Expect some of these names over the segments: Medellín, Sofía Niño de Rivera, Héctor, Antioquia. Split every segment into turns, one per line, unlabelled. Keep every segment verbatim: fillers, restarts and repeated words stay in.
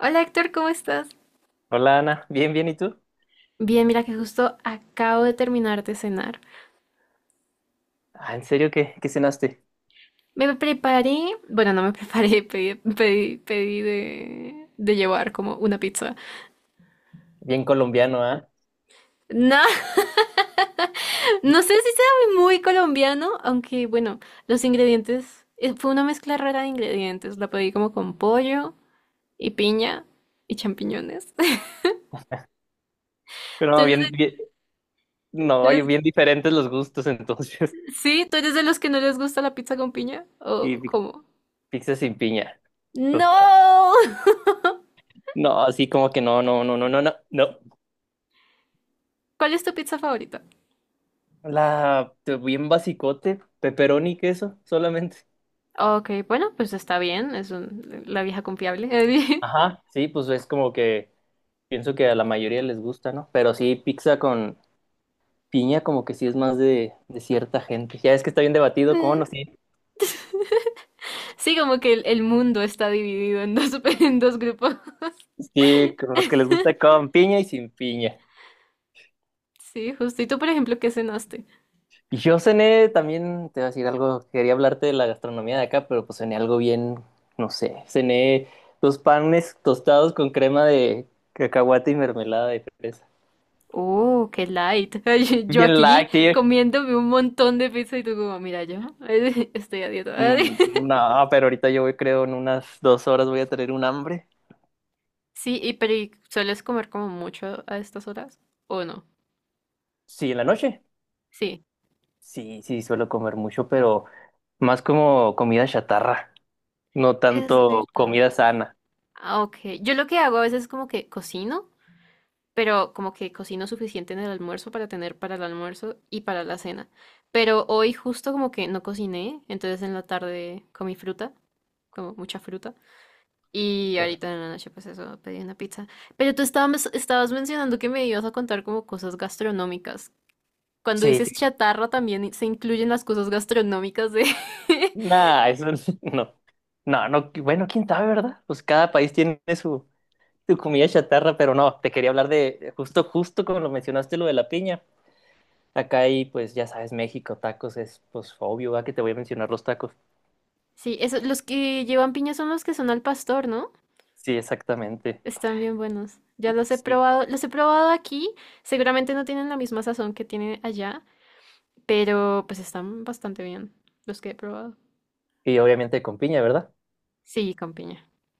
Hola Héctor, ¿cómo estás?
Hola Ana, bien, bien, ¿y tú?
Bien, mira que justo acabo de terminar de cenar.
Ah, ¿en serio qué, qué cenaste?
Me preparé, bueno, no me preparé, pedí, pedí, pedí de, de llevar como una pizza.
Bien colombiano, ¿ah?
No, no sé si sea muy colombiano, aunque bueno, los ingredientes, eh, fue una mezcla rara de ingredientes. La pedí como con pollo y piña y champiñones.
Pero
¿Tú
no,
eres
bien,
de-
bien, no,
tú
oye,
eres-
bien diferentes los gustos entonces.
Sí, ¿tú eres de los que no les gusta la pizza con piña?
Y
¿O
pi-
cómo?
Pizza sin piña, total.
¡No!
No, así como que no, no, no, no, no, no, no.
¿Cuál es tu pizza favorita?
La, te- bien basicote, pepperoni y queso solamente.
Ok, bueno, pues está bien, es un- la vieja confiable.
Ajá, sí, pues es como que pienso que a la mayoría les gusta, ¿no? Pero sí, pizza con piña como que sí es más de, de cierta gente. Ya es que está bien debatido, ¿cómo
Mm,
no? Sí,
sí, como que el, el mundo está dividido en dos, en dos grupos.
sí, con los que les gusta con piña y sin piña.
Sí, justo. Y tú, por ejemplo, ¿qué cenaste?
Y yo cené también, te voy a decir algo, quería hablarte de la gastronomía de acá, pero pues cené algo bien, no sé, cené dos panes tostados con crema de cacahuate y mermelada de fresa.
Oh, qué light. Ay, yo
Bien
aquí
light, tío.
comiéndome un montón de pizza, y tú como, mira, yo estoy a dieta.
Mm, No, pero ahorita yo voy, creo, en unas dos horas voy a tener un hambre.
Sí, y pero ¿y ¿sueles comer como mucho a estas horas? ¿O no?
Sí, en la noche.
Sí.
Sí, sí, suelo comer mucho, pero más como comida chatarra, no
Es
tanto
verdad.
comida sana.
Ah, ok. Yo lo que hago a veces es como que cocino, pero como que cocino suficiente en el almuerzo para tener para el almuerzo y para la cena. Pero hoy justo como que no cociné, entonces en la tarde comí fruta, como mucha fruta, y
Qué
ahorita
rico.
en la noche pues eso, pedí una pizza. Pero tú estabas, estabas mencionando que me ibas a contar como cosas gastronómicas. Cuando
Sí,
dices
sí.
chatarra también se incluyen las cosas gastronómicas de…
Nah, eso no. No, no, bueno, quién sabe, ¿verdad? Pues cada país tiene su, su comida chatarra, pero no, te quería hablar de, justo, justo como lo mencionaste, lo de la piña. Acá hay, pues ya sabes, México, tacos, es pues obvio, ¿va? Que te voy a mencionar los tacos.
Sí, eso, los que llevan piña son los que son al pastor, ¿no?
Sí, exactamente.
Están bien buenos. Ya los he
Sí.
probado, los he probado aquí. Seguramente no tienen la misma sazón que tienen allá, pero pues están bastante bien los que he probado.
Y obviamente con piña, ¿verdad?
Sí, con piña.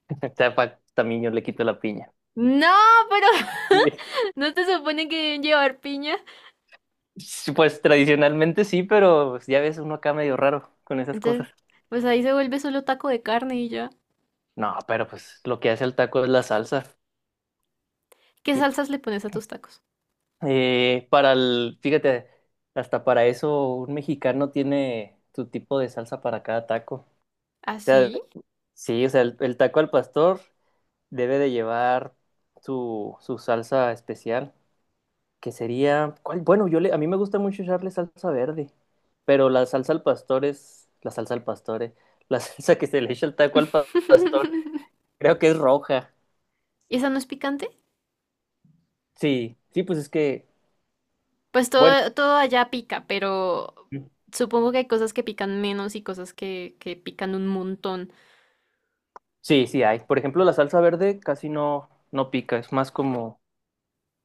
O sea, pa- también yo le quito la piña.
No, pero no te supone que deben llevar piña.
Sí, pues tradicionalmente sí, pero pues, ya ves uno acá medio raro con esas
Entonces,
cosas.
pues ahí se vuelve solo taco de carne y ya.
No, pero pues lo que hace el taco es la salsa.
¿Qué
Y
salsas le pones a tus tacos?
Eh, para el, fíjate, hasta para eso un mexicano tiene su tipo de salsa para cada taco. O sea,
¿Así?
sí, o sea, el, el taco al pastor debe de llevar su, su salsa especial, que sería, ¿cuál? Bueno, yo le, a mí me gusta mucho echarle salsa verde, pero la salsa al pastor es, la salsa al pastor, eh, la salsa que se le echa al taco al pa- pastor, creo que es roja.
¿Y esa no es picante?
Sí, sí, pues es que,
Pues
bueno.
todo, todo allá pica, pero supongo que hay cosas que pican menos y cosas que, que pican un montón.
Sí, sí hay. Por ejemplo, la salsa verde casi no, no pica, es más como,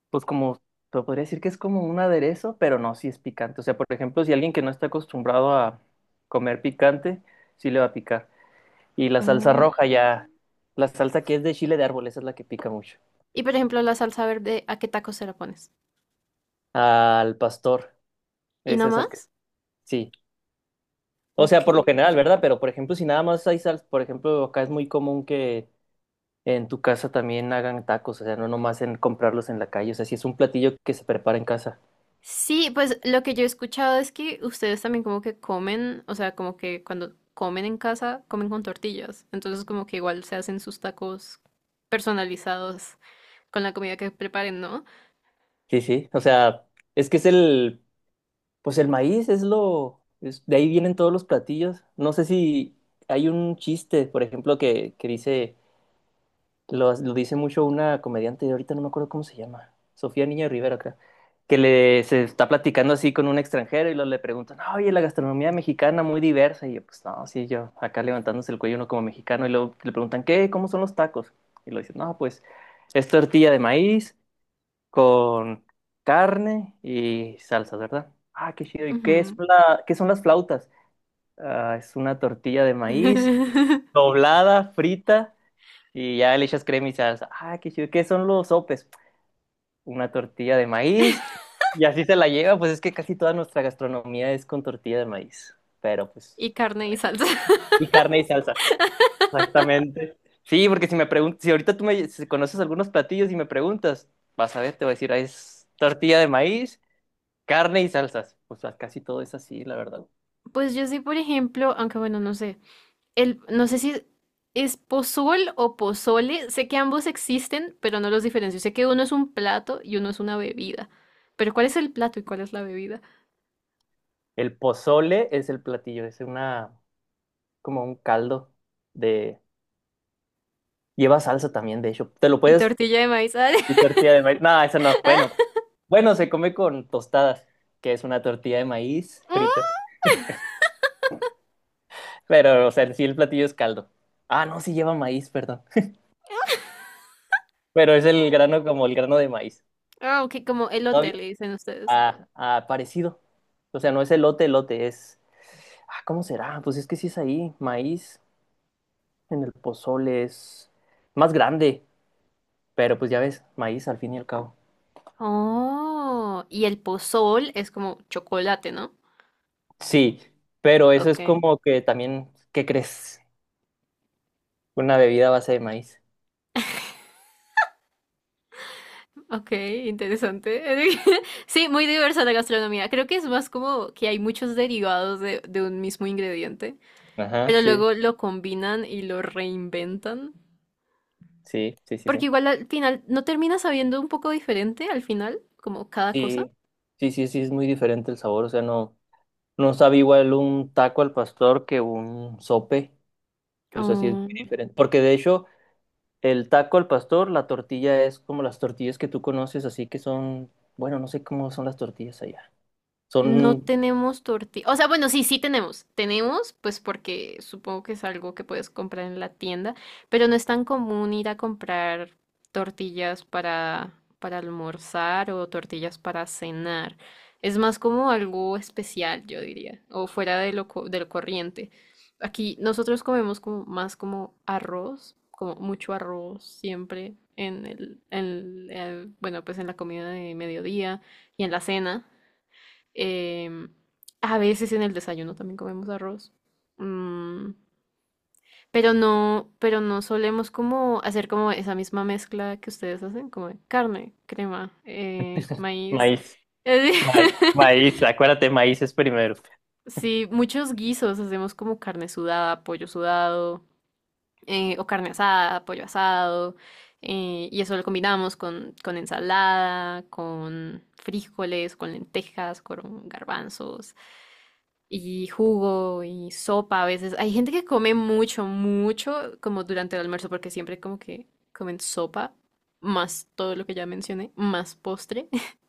pues como, te podría decir que es como un aderezo, pero no, sí es picante. O sea, por ejemplo, si alguien que no está acostumbrado a comer picante, sí le va a picar. Y la salsa Mm.
Mm.
roja ya, la salsa que es de chile de árbol, esa es la que pica mucho.
Y por ejemplo, la salsa verde, ¿a qué tacos se la pones?
Al pastor,
¿Y
ese
no
es el que,
más?
sí. O sea,
Ok.
por lo general, ¿verdad? Pero por ejemplo, si nada más hay salsa, por ejemplo, acá es muy común que en tu casa también hagan tacos, o sea, no nomás en comprarlos en la calle, o sea, si es un platillo que se prepara en casa.
Sí, pues lo que yo he escuchado es que ustedes también como que comen, o sea, como que cuando comen en casa, comen con tortillas. Entonces como que igual se hacen sus tacos personalizados con la comida que preparen, ¿no?
Sí, sí, o sea, es que es el, pues el maíz es lo, es- de ahí vienen todos los platillos. No sé si hay un chiste, por ejemplo, que, que dice, lo, lo dice mucho una comediante, ahorita no me acuerdo cómo se llama, Sofía Niño de Rivera, creo, que le, se está platicando así con un extranjero y lo, le preguntan, "Ah, oye, la gastronomía mexicana muy diversa", y yo, pues no, sí, yo acá levantándose el cuello uno como mexicano, y luego le preguntan, ¿qué? ¿Cómo son los tacos? Y lo dicen, no, pues es tortilla de maíz con carne y salsas, ¿verdad? Ah, qué chido. ¿Y qué es
Ujú.
la, qué son las flautas? Ah, es una tortilla de maíz doblada, frita y ya le echas crema y salsa. Ah, qué chido. ¿Qué son los sopes? Una tortilla de maíz y así se la lleva. Pues es que casi toda nuestra gastronomía es con tortilla de maíz, pero pues
Y carne y salsa.
y carne y salsa. Exactamente. Sí, porque si me preguntas, si ahorita tú me si conoces algunos platillos y me preguntas, vas a ver, te voy a decir, ah, es tortilla de maíz, carne y salsas. Pues casi todo es así, la verdad.
Pues yo sí, por ejemplo, aunque bueno, no sé. El, no sé si es pozol o pozole. Sé que ambos existen, pero no los diferencio. Sé que uno es un plato y uno es una bebida. Pero ¿cuál es el plato y cuál es la bebida?
El pozole es el platillo, es una, como un caldo de... Lleva salsa también, de hecho. Te lo
Y
puedes...
tortilla de maíz.
Y tortilla de maíz. No, eso no. Bueno, bueno, se come con tostadas, que es una tortilla de maíz frita.
Ah,
Pero, o sea, en sí el platillo es caldo. Ah, no, sí lleva maíz, perdón. Pero es el grano como el grano de maíz.
ah, ok, como
No,
elote
bien.
le dicen ustedes.
Ah, ah, parecido. O sea, no es elote, elote, es... Ah, ¿cómo será? Pues es que sí es ahí, maíz. En el pozole es más grande, pero pues ya ves, maíz al fin y al cabo.
Oh, y el pozol es como chocolate, ¿no?
Sí, pero eso
Ok,
es como que también, ¿qué crees? Una bebida a base de maíz.
ok, interesante. Sí, muy diversa la gastronomía. Creo que es más como que hay muchos derivados de, de un mismo ingrediente.
Ajá,
Pero
sí,
luego lo combinan y lo reinventan.
sí, sí, sí,
Porque
sí.
igual al final, ¿no termina sabiendo un poco diferente al final? Como cada cosa.
Sí, sí, sí, sí, es muy diferente el sabor, o sea, no, no sabe igual un taco al pastor que un sope, o sea, sí es muy diferente. Porque de hecho, el taco al pastor, la tortilla es como las tortillas que tú conoces, así que son, bueno, no sé cómo son las tortillas allá.
No
Son
tenemos tortilla. O sea, bueno, sí, sí tenemos. Tenemos, pues porque supongo que es algo que puedes comprar en la tienda, pero no es tan común ir a comprar tortillas para, para almorzar o tortillas para cenar. Es más como algo especial, yo diría, o fuera de lo, co- del corriente. Aquí nosotros comemos como más como arroz, como mucho arroz siempre en el, en el- bueno, pues en la comida de mediodía y en la cena. Em, a veces en el desayuno también comemos arroz. Mm, pero no, pero no solemos como hacer como esa misma mezcla que ustedes hacen, como de carne, crema, eh, maíz.
maíz. Ma- Maíz, acuérdate, maíz es primero.
Sí, muchos guisos hacemos como carne sudada, pollo sudado, eh, o carne asada, pollo asado, eh, y eso lo combinamos con, con ensalada, con frijoles, con lentejas, con garbanzos, y jugo y sopa a veces. Hay gente que come mucho, mucho como durante el almuerzo porque siempre como que comen sopa, más todo lo que ya mencioné, más postre.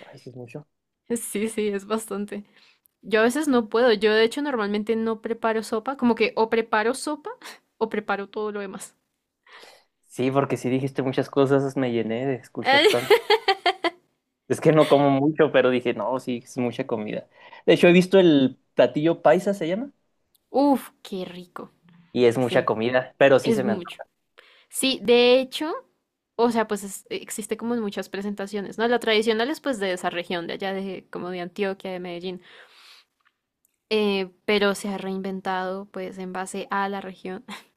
Maíz es mucho.
Sí, sí, es bastante. Yo a veces no puedo. Yo de hecho normalmente no preparo sopa, como que o preparo sopa o preparo todo lo demás.
Sí, porque si dijiste muchas cosas, me llené de escuchar tanto. Es que no como mucho, pero dije, no, sí, es mucha comida. De hecho, he visto el platillo paisa, se llama,
Uf, qué rico.
y es mucha
Sí,
comida, pero sí
es
se me
mucho.
antoja.
Sí, de hecho, o sea, pues es- existe como en muchas presentaciones, ¿no? La tradicional es pues de esa región, de allá de como de Antioquia, de Medellín, eh, pero se ha reinventado pues en base a la región.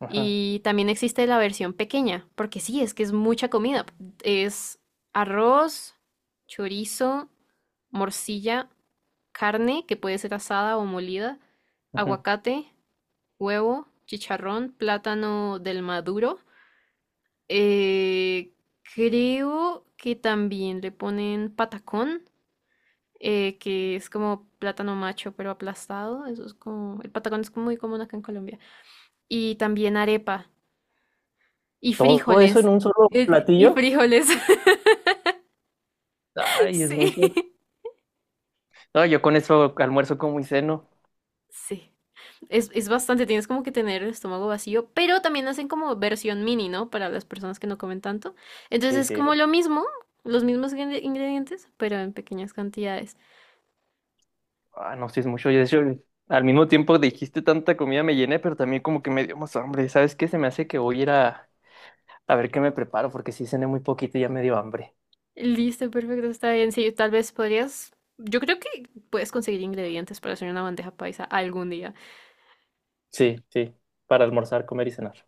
Ajá,
Y también existe la versión pequeña, porque sí, es que es mucha comida. Es arroz, chorizo, morcilla, carne que puede ser asada o molida,
ujú.
aguacate, huevo, chicharrón, plátano del maduro. Eh, creo que también le ponen patacón, eh, que es como plátano macho pero aplastado. Eso es como, el patacón es muy común acá en Colombia. Y también arepa y
Todo eso en
frijoles.
un solo
Eh, y
platillo,
frijoles.
ay, es
Sí,
mucho. No, yo con eso almuerzo como y ceno.
sí. Es, es bastante, tienes como que tener el estómago vacío, pero también hacen como versión mini, ¿no? Para las personas que no comen tanto. Entonces
Sí,
es
sí,
como
porque-
lo mismo, los mismos ingre- ingredientes, pero en pequeñas cantidades.
ah, no, sí es mucho. Yo, de hecho, al mismo tiempo dijiste tanta comida, me llené, pero también como que me dio más hambre. ¿Sabes qué? Se me hace que voy a ir a A ver qué me preparo, porque sí cené muy poquito y ya me dio hambre.
Listo, perfecto, está bien. Sí, tal vez podrías. Yo creo que puedes conseguir ingredientes para hacer una bandeja paisa algún día.
Sí, sí, para almorzar, comer y cenar.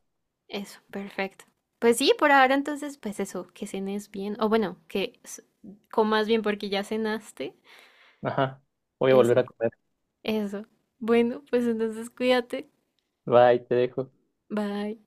Eso, perfecto. Pues sí, por ahora entonces, pues eso, que cenes bien. O bueno, que s- comas bien porque ya cenaste.
Ajá, voy a volver
Eso,
a comer.
eso. Bueno, pues entonces cuídate.
Bye, te dejo.
Bye.